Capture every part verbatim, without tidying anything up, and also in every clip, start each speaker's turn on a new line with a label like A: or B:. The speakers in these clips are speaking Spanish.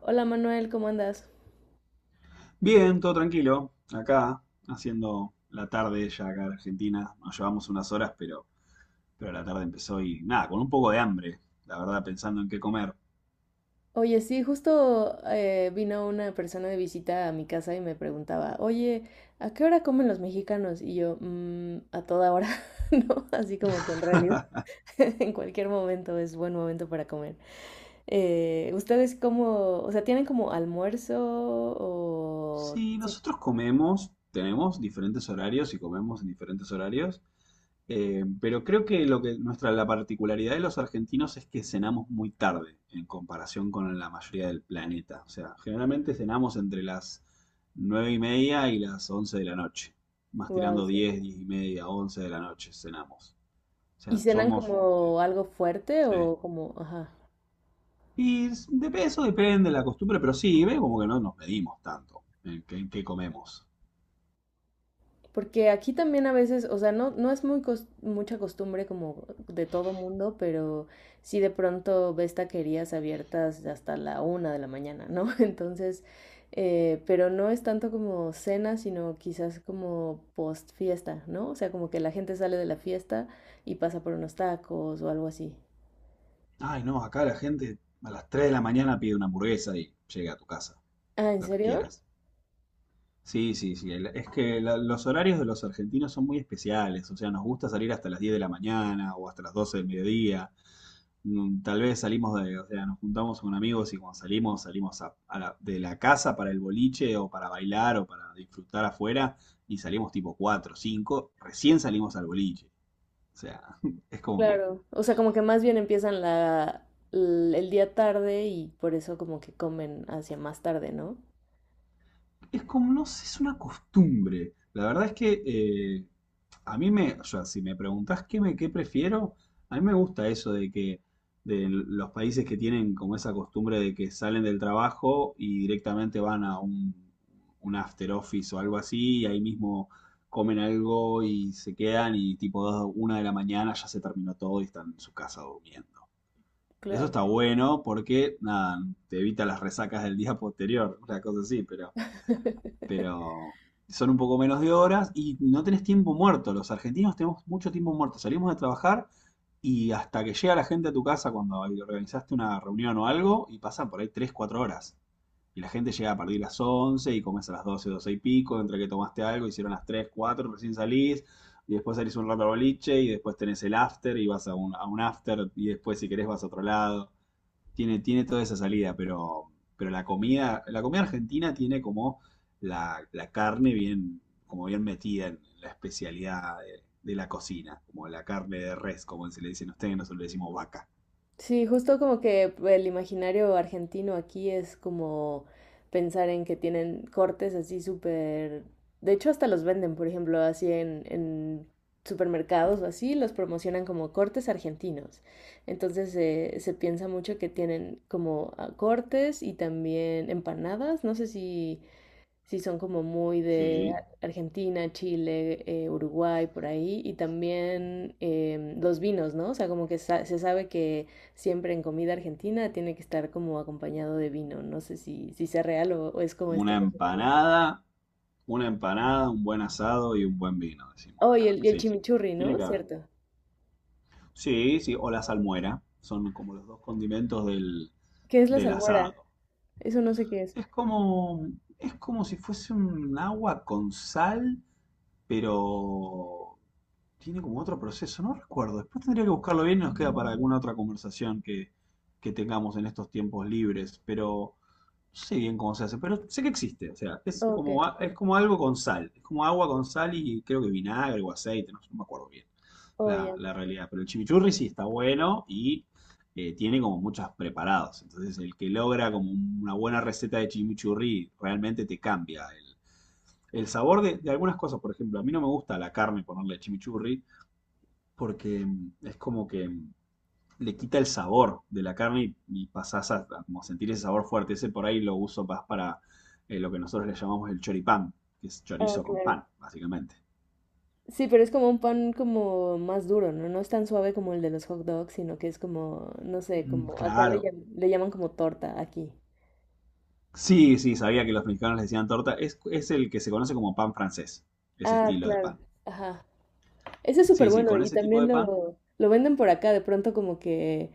A: Hola Manuel, ¿cómo andas?
B: Bien, todo tranquilo. Acá, haciendo la tarde ya acá en Argentina. Nos llevamos unas horas, pero, pero la tarde empezó y nada, con un poco de hambre, la verdad, pensando en qué comer.
A: Oye, sí, justo eh, vino una persona de visita a mi casa y me preguntaba, oye, ¿a qué hora comen los mexicanos? Y yo, "Mm, a toda hora, ¿no?" Así como que en realidad, en cualquier momento es buen momento para comer. Eh, ¿ustedes cómo, o sea, tienen como almuerzo o...?
B: Sí,
A: Sí.
B: nosotros comemos, tenemos diferentes horarios y comemos en diferentes horarios. Eh, pero creo que lo que nuestra la particularidad de los argentinos es que cenamos muy tarde en comparación con la mayoría del planeta. O sea, generalmente cenamos entre las nueve y media y las once de la noche, más
A: Wow,
B: tirando
A: sí.
B: diez, diez y media, once de la noche cenamos. O
A: ¿Y
B: sea,
A: cenan
B: somos eh,
A: como algo fuerte
B: sí.
A: o como, ajá?
B: Y s- de eso depende de la costumbre, pero sí, ve como que no nos medimos tanto en qué en qué comemos.
A: Porque aquí también a veces, o sea, no, no es muy cos- mucha costumbre como de todo mundo, pero sí de pronto ves taquerías abiertas hasta la una de la mañana, ¿no? Entonces, eh, pero no es tanto como cena, sino quizás como post fiesta, ¿no? O sea, como que la gente sale de la fiesta y pasa por unos tacos o algo así.
B: Ay, no, acá la gente a las tres de la mañana pide una hamburguesa y llega a tu casa,
A: Ah, ¿en
B: lo que
A: serio?
B: quieras. Sí, sí, sí. el- Es que la- los horarios de los argentinos son muy especiales. O sea, nos gusta salir hasta las diez de la mañana o hasta las doce del mediodía. Mm, Tal vez salimos de, o sea, nos juntamos con amigos y cuando salimos, salimos a- a la- de la casa para el boliche o para bailar o para disfrutar afuera y salimos tipo cuatro, cinco. Recién salimos al boliche. O sea, es como que
A: Claro. O sea, como que más bien empiezan la, l- el día tarde y por eso como que comen hacia más tarde, ¿no?
B: es como, no sé, es una costumbre. La verdad es que eh, a mí me, o sea, si me preguntás qué, me, qué prefiero, a mí me gusta eso de que de los países que tienen como esa costumbre de que salen del trabajo y directamente van a un, un after office o algo así, y ahí mismo comen algo y se quedan y tipo dos, una de la mañana ya se terminó todo y están en su casa durmiendo. Eso
A: Claro.
B: está bueno porque, nada, te evita las resacas del día posterior, una cosa así, pero pero son un poco menos de horas y no tenés tiempo muerto. Los argentinos tenemos mucho tiempo muerto. Salimos de trabajar y hasta que llega la gente a tu casa cuando organizaste una reunión o algo y pasan por ahí tres cuatro horas. Y la gente llega a partir de las once y comes a las doce doce y pico, entre que tomaste algo, hicieron las tres cuatro recién salís. Y después salís un rato al boliche y después tenés el after y vas a un, a un after y después si querés vas a otro lado tiene, tiene toda esa salida, pero, pero la comida, la comida, argentina tiene como la, la carne bien, como bien metida en la especialidad de, de la cocina, como la carne de res, como se le dicen a ustedes, nosotros le decimos vaca.
A: Sí, justo como que el imaginario argentino aquí es como pensar en que tienen cortes así súper... De hecho, hasta los venden, por ejemplo, así en, en supermercados o así, los promocionan como cortes argentinos. Entonces eh, se piensa mucho que tienen como ah, cortes y también empanadas. No sé si sí, son como muy de
B: Sí.
A: Ar- Argentina, Chile, eh, Uruguay, por ahí. Y también em, los vinos, ¿no? O sea, como que sa- se sabe que siempre en comida argentina tiene que estar como acompañado de vino. No sé si, si sea real o, o es como este
B: Una
A: imaginario.
B: empanada, una empanada, un buen asado y un buen vino, decimos
A: Oh, y
B: acá.
A: el, y el
B: Sí.
A: chimichurri,
B: Tiene
A: ¿no?
B: que haber.
A: Cierto.
B: Sí, sí, o la salmuera. Son como los dos condimentos del,
A: ¿Qué es la
B: del
A: salmuera?
B: asado.
A: Eso no sé qué es.
B: Es como, es como si fuese un agua con sal, pero tiene como otro proceso, no recuerdo. Después tendría que buscarlo bien y nos queda para alguna otra conversación que, que tengamos en estos tiempos libres, pero no sé bien cómo se hace, pero sé que existe, o sea, es
A: Oh, ok.
B: como, a- es como algo con sal, es como agua con sal y creo que vinagre o aceite, no, no me acuerdo bien
A: Oh,
B: la,
A: ya.
B: la realidad. Pero el chimichurri sí está bueno y eh, tiene como muchos preparados. Entonces, el que logra como una buena receta de chimichurri realmente te cambia el, el sabor de, de algunas cosas. Por ejemplo, a mí no me gusta la carne ponerle chimichurri porque mm, es como que mm, le quita el sabor de la carne y, y pasás a, a como sentir ese sabor fuerte. Ese por ahí lo uso más para eh, lo que nosotros le llamamos el choripán, que es
A: Ah,
B: chorizo con
A: claro.
B: pan, básicamente.
A: Sí, pero es como un pan como más duro, ¿no? No es tan suave como el de los hot dogs, sino que es como, no sé,
B: Mm,
A: como acá le,
B: claro.
A: llam- le llaman como torta aquí.
B: Sí, sí, sabía que los mexicanos le decían torta. Es, es el que se conoce como pan francés, ese
A: Ah,
B: estilo de
A: claro.
B: pan.
A: Ajá. Ese es súper
B: Sí, sí,
A: bueno
B: con
A: y
B: ese tipo de
A: también
B: pan,
A: lo, lo venden por acá, de pronto como que,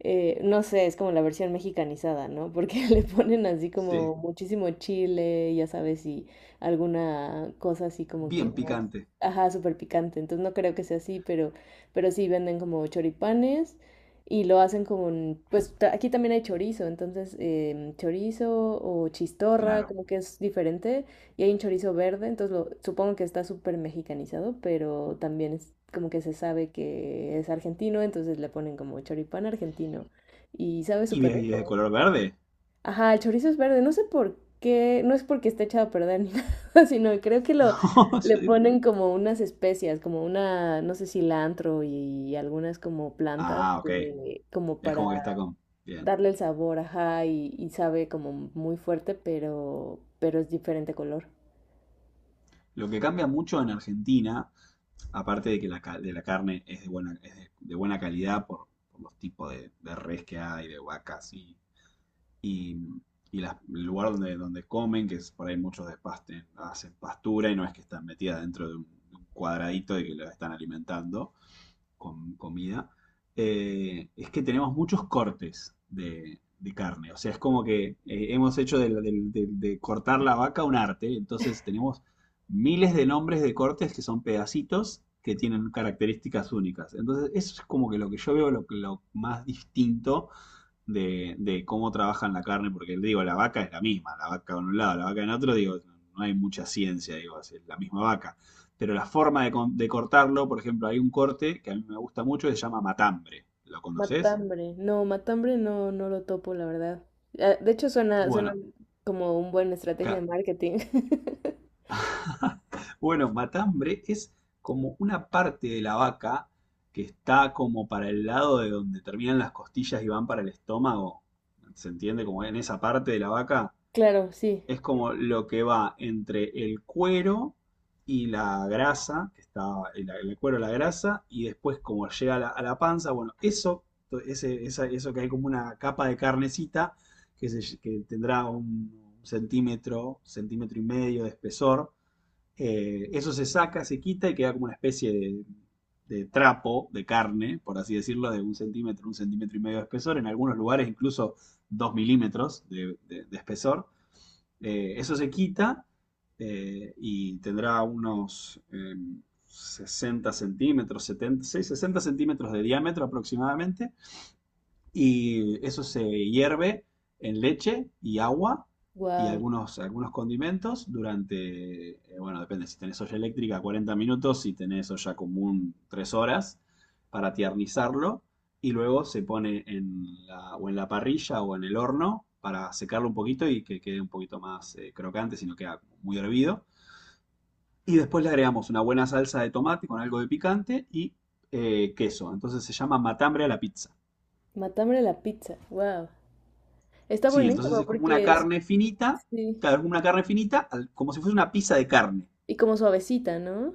A: eh, no sé, es como la versión mexicanizada, ¿no? Porque le ponen así
B: sí,
A: como muchísimo chile, ya sabes, y alguna cosa así como que
B: bien
A: más,
B: picante,
A: ajá, súper picante. Entonces no creo que sea así, pero, pero sí venden como choripanes y lo hacen con, pues ta- aquí también hay chorizo, entonces em, chorizo o chistorra,
B: claro.
A: como que es diferente. Y hay un chorizo verde, entonces lo, supongo que está súper mexicanizado, pero también es como que se sabe que es argentino, entonces le ponen como choripán argentino. Y sabe
B: ¿Y
A: súper
B: bien- y es de
A: rico.
B: color verde?
A: Ajá, el chorizo es verde, no sé por qué, no es porque esté echado a perder ni nada, sino creo que lo le
B: Yo digo,
A: ponen como unas especias, como una, no sé, cilantro y algunas como plantas
B: ah, ok,
A: que, como
B: es
A: para
B: como que está con... Bien.
A: darle el sabor, ajá, y, y sabe como muy fuerte, pero, pero es diferente color.
B: Lo que cambia mucho en Argentina, aparte de que la, ca- de la carne es de buena, es de, de buena calidad por, por los tipos de, de res que hay, de vacas y y, y las- el lugar donde, donde comen, que es, por ahí muchos despasten, hacen pastura y no es que están metidas dentro de un, de un cuadradito de que la están alimentando con comida. Eh, es que tenemos muchos cortes de, de carne. O sea, es como que eh, hemos hecho de, la- del- del- de cortar la vaca un arte, entonces tenemos miles de nombres de cortes que son pedacitos que tienen características únicas. Entonces, eso es como que lo que yo veo lo, lo más distinto de, de cómo trabajan la carne, porque digo, la vaca es la misma, la vaca en un lado, la vaca en otro, digo, no hay mucha ciencia, digo, es la misma vaca. Pero la forma de, de cortarlo, por ejemplo, hay un corte que a mí me gusta mucho, se llama matambre. ¿Lo conoces?
A: Matambre. No, matambre no, no lo topo, la verdad. Ah, de hecho, suena, suena
B: Bueno,
A: como una buena estrategia de
B: ca-
A: marketing.
B: bueno, matambre es como una parte de la vaca que está como para el lado de donde terminan las costillas y van para el estómago. ¿Se entiende? Como en esa parte de la vaca.
A: Claro, sí.
B: Es como lo que va entre el cuero y la grasa, que está el, el cuero, la grasa, y después como llega a la, a la panza, bueno, eso, ese, esa- eso que hay como una capa de carnecita que, se- que tendrá un centímetro, centímetro y medio de espesor. Eh, eso se saca, se quita y queda como una especie de, de trapo de carne, por así decirlo, de un centímetro, un centímetro y medio de espesor, en algunos lugares incluso dos milímetros de, de- de espesor. Eh, eso se quita eh, y tendrá unos eh, sesenta centímetros, setenta, sí, sesenta centímetros de diámetro aproximadamente y eso se hierve en leche y agua y
A: Wow.
B: algunos, algunos condimentos durante, eh, bueno, depende, si tenés olla eléctrica cuarenta minutos, si tenés olla común tres horas para tiernizarlo y luego se pone en la, o en la parrilla o en el horno para secarlo un poquito y que quede un poquito más eh, crocante, si no queda muy hervido. Y después le agregamos una buena salsa de tomate con algo de picante y eh, queso. Entonces se llama matambre a la pizza.
A: Matambre la pizza. Wow. Está
B: Sí, entonces
A: buenísima
B: es como una
A: porque es,
B: carne finita,
A: sí.
B: claro, es como una carne finita, al- como si fuese una pizza de carne.
A: Y como suavecita, ¿no?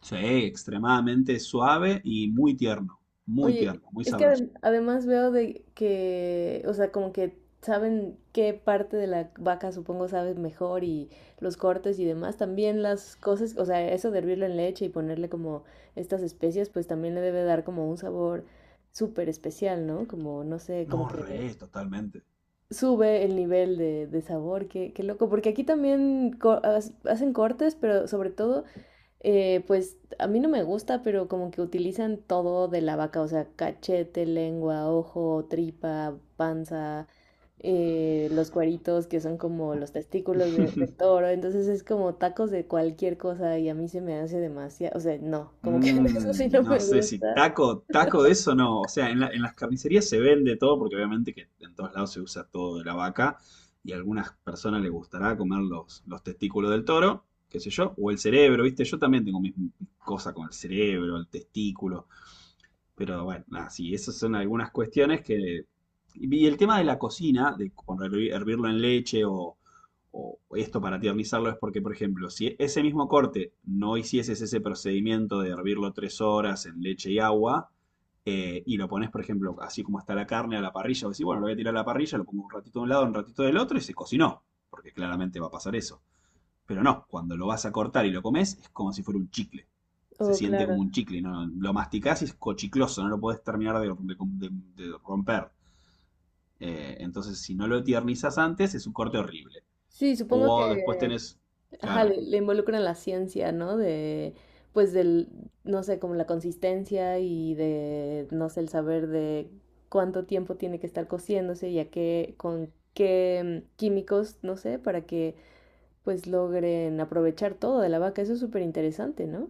B: Sí, extremadamente suave y muy tierno, muy
A: Oye,
B: tierno, muy
A: es que
B: sabroso.
A: adem- además veo de que, o sea, como que saben qué parte de la vaca supongo saben mejor y los cortes y demás. También las cosas, o sea, eso de hervirlo en leche y ponerle como estas especias, pues también le debe dar como un sabor súper especial, ¿no? Como, no sé, como
B: No,
A: que
B: re, totalmente.
A: sube el nivel de, de sabor, qué, qué loco. Porque aquí también co- as- hacen cortes, pero sobre todo... Eh, pues a mí no me gusta, pero como que utilizan todo de la vaca, o sea, cachete, lengua, ojo, tripa, panza, eh, los cueritos, que son como los testículos de- del toro, entonces es como tacos de cualquier cosa y a mí se me hace demasiado, o sea, no, como que eso sí
B: Mm,
A: no
B: no
A: me
B: sé si
A: gusta.
B: taco, taco, de eso no. O sea, en la- en las carnicerías se vende todo, porque obviamente que en todos lados se usa todo de la vaca, y a algunas personas les gustará comer los, los testículos del toro, qué sé yo, o el cerebro, ¿viste? Yo también tengo mis mis cosas con el cerebro, el testículo. Pero bueno, nada, sí, esas son algunas cuestiones que... Y el tema de la cocina, de con hervi- hervirlo en leche o, o esto para tiernizarlo, es porque, por ejemplo, si ese mismo corte no hicieses ese procedimiento de hervirlo tres horas en leche y agua. Eh, y lo pones, por ejemplo, así como está la carne a la parrilla, o decís, bueno, lo voy a tirar a la parrilla, lo pongo un ratito de un lado, un ratito del otro, y se cocinó, porque claramente va a pasar eso. Pero no, cuando lo vas a cortar y lo comes, es como si fuera un chicle. Se
A: Oh,
B: siente como
A: claro.
B: un chicle, ¿no? No, lo masticás y es cochicloso, no lo podés terminar de, de, de, romper. Eh, entonces, si no lo tiernizas antes, es un corte horrible.
A: Sí, supongo
B: O después
A: que...
B: tenés,
A: Ajá,
B: claro.
A: le, le involucran la ciencia, ¿no? De, pues del, no sé, como la consistencia y de, no sé, el saber de cuánto tiempo tiene que estar cociéndose y a qué, con qué mm, químicos, no sé, para que pues logren aprovechar todo de la vaca. Eso es súper interesante, ¿no?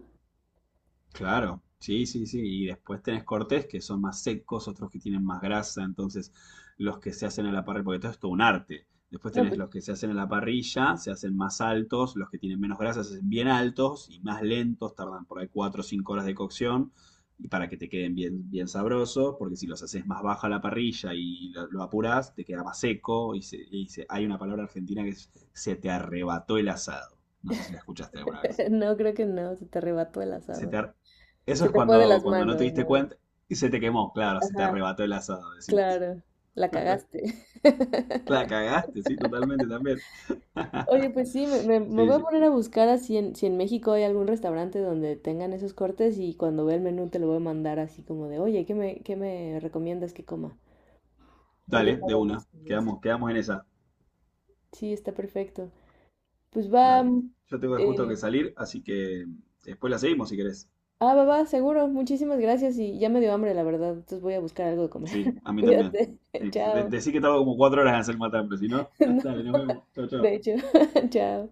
B: Claro, sí, sí, sí. Y después tenés cortes que son más secos, otros que tienen más grasa. Entonces, los que se hacen a la parrilla, porque todo es todo un arte. Después
A: No,
B: tenés
A: pues
B: los que se hacen a la parrilla, se hacen más altos, los que tienen menos grasa se hacen bien altos y más lentos, tardan por ahí cuatro o cinco horas de cocción y para que te queden bien, bien sabrosos, porque si los haces más baja a la parrilla y lo, lo apurás, te queda más seco y, se- y se- hay una palabra argentina que es se te arrebató el asado. No sé si la escuchaste alguna vez.
A: no, creo que no, se te arrebató el
B: se
A: asado.
B: te ar- Eso
A: Se
B: es
A: te fue de
B: cuando,
A: las
B: cuando no te
A: manos,
B: diste
A: ¿no?
B: cuenta y se te quemó, claro, se te
A: Ajá,
B: arrebató el asado, decimos.
A: claro, la cagaste.
B: La cagaste, sí, totalmente también.
A: Oye, pues sí, me, me- me
B: Sí,
A: voy a
B: sí.
A: poner a buscar a si en, si en México hay algún restaurante donde tengan esos cortes y cuando vea el menú te lo voy a mandar así como de, oye, ¿qué me, qué me recomiendas que coma? Porque
B: Dale,
A: está
B: de una.
A: buenísimo, así.
B: Quedamos, quedamos en esa.
A: Sí, está perfecto. Pues va,
B: Dale.
A: mm,
B: Yo tengo justo que
A: eh,
B: salir, así que después la seguimos si querés.
A: ah, va, va, seguro. Muchísimas gracias y ya me dio hambre, la verdad. Entonces voy a buscar algo de comer.
B: Sí, a mí también.
A: Cuídate.
B: Sí, de-
A: Chao.
B: Decí que tardo como cuatro horas en hacer el matambre, si no,
A: No,
B: dale, nos vemos. Chau, chau.
A: de hecho, chao.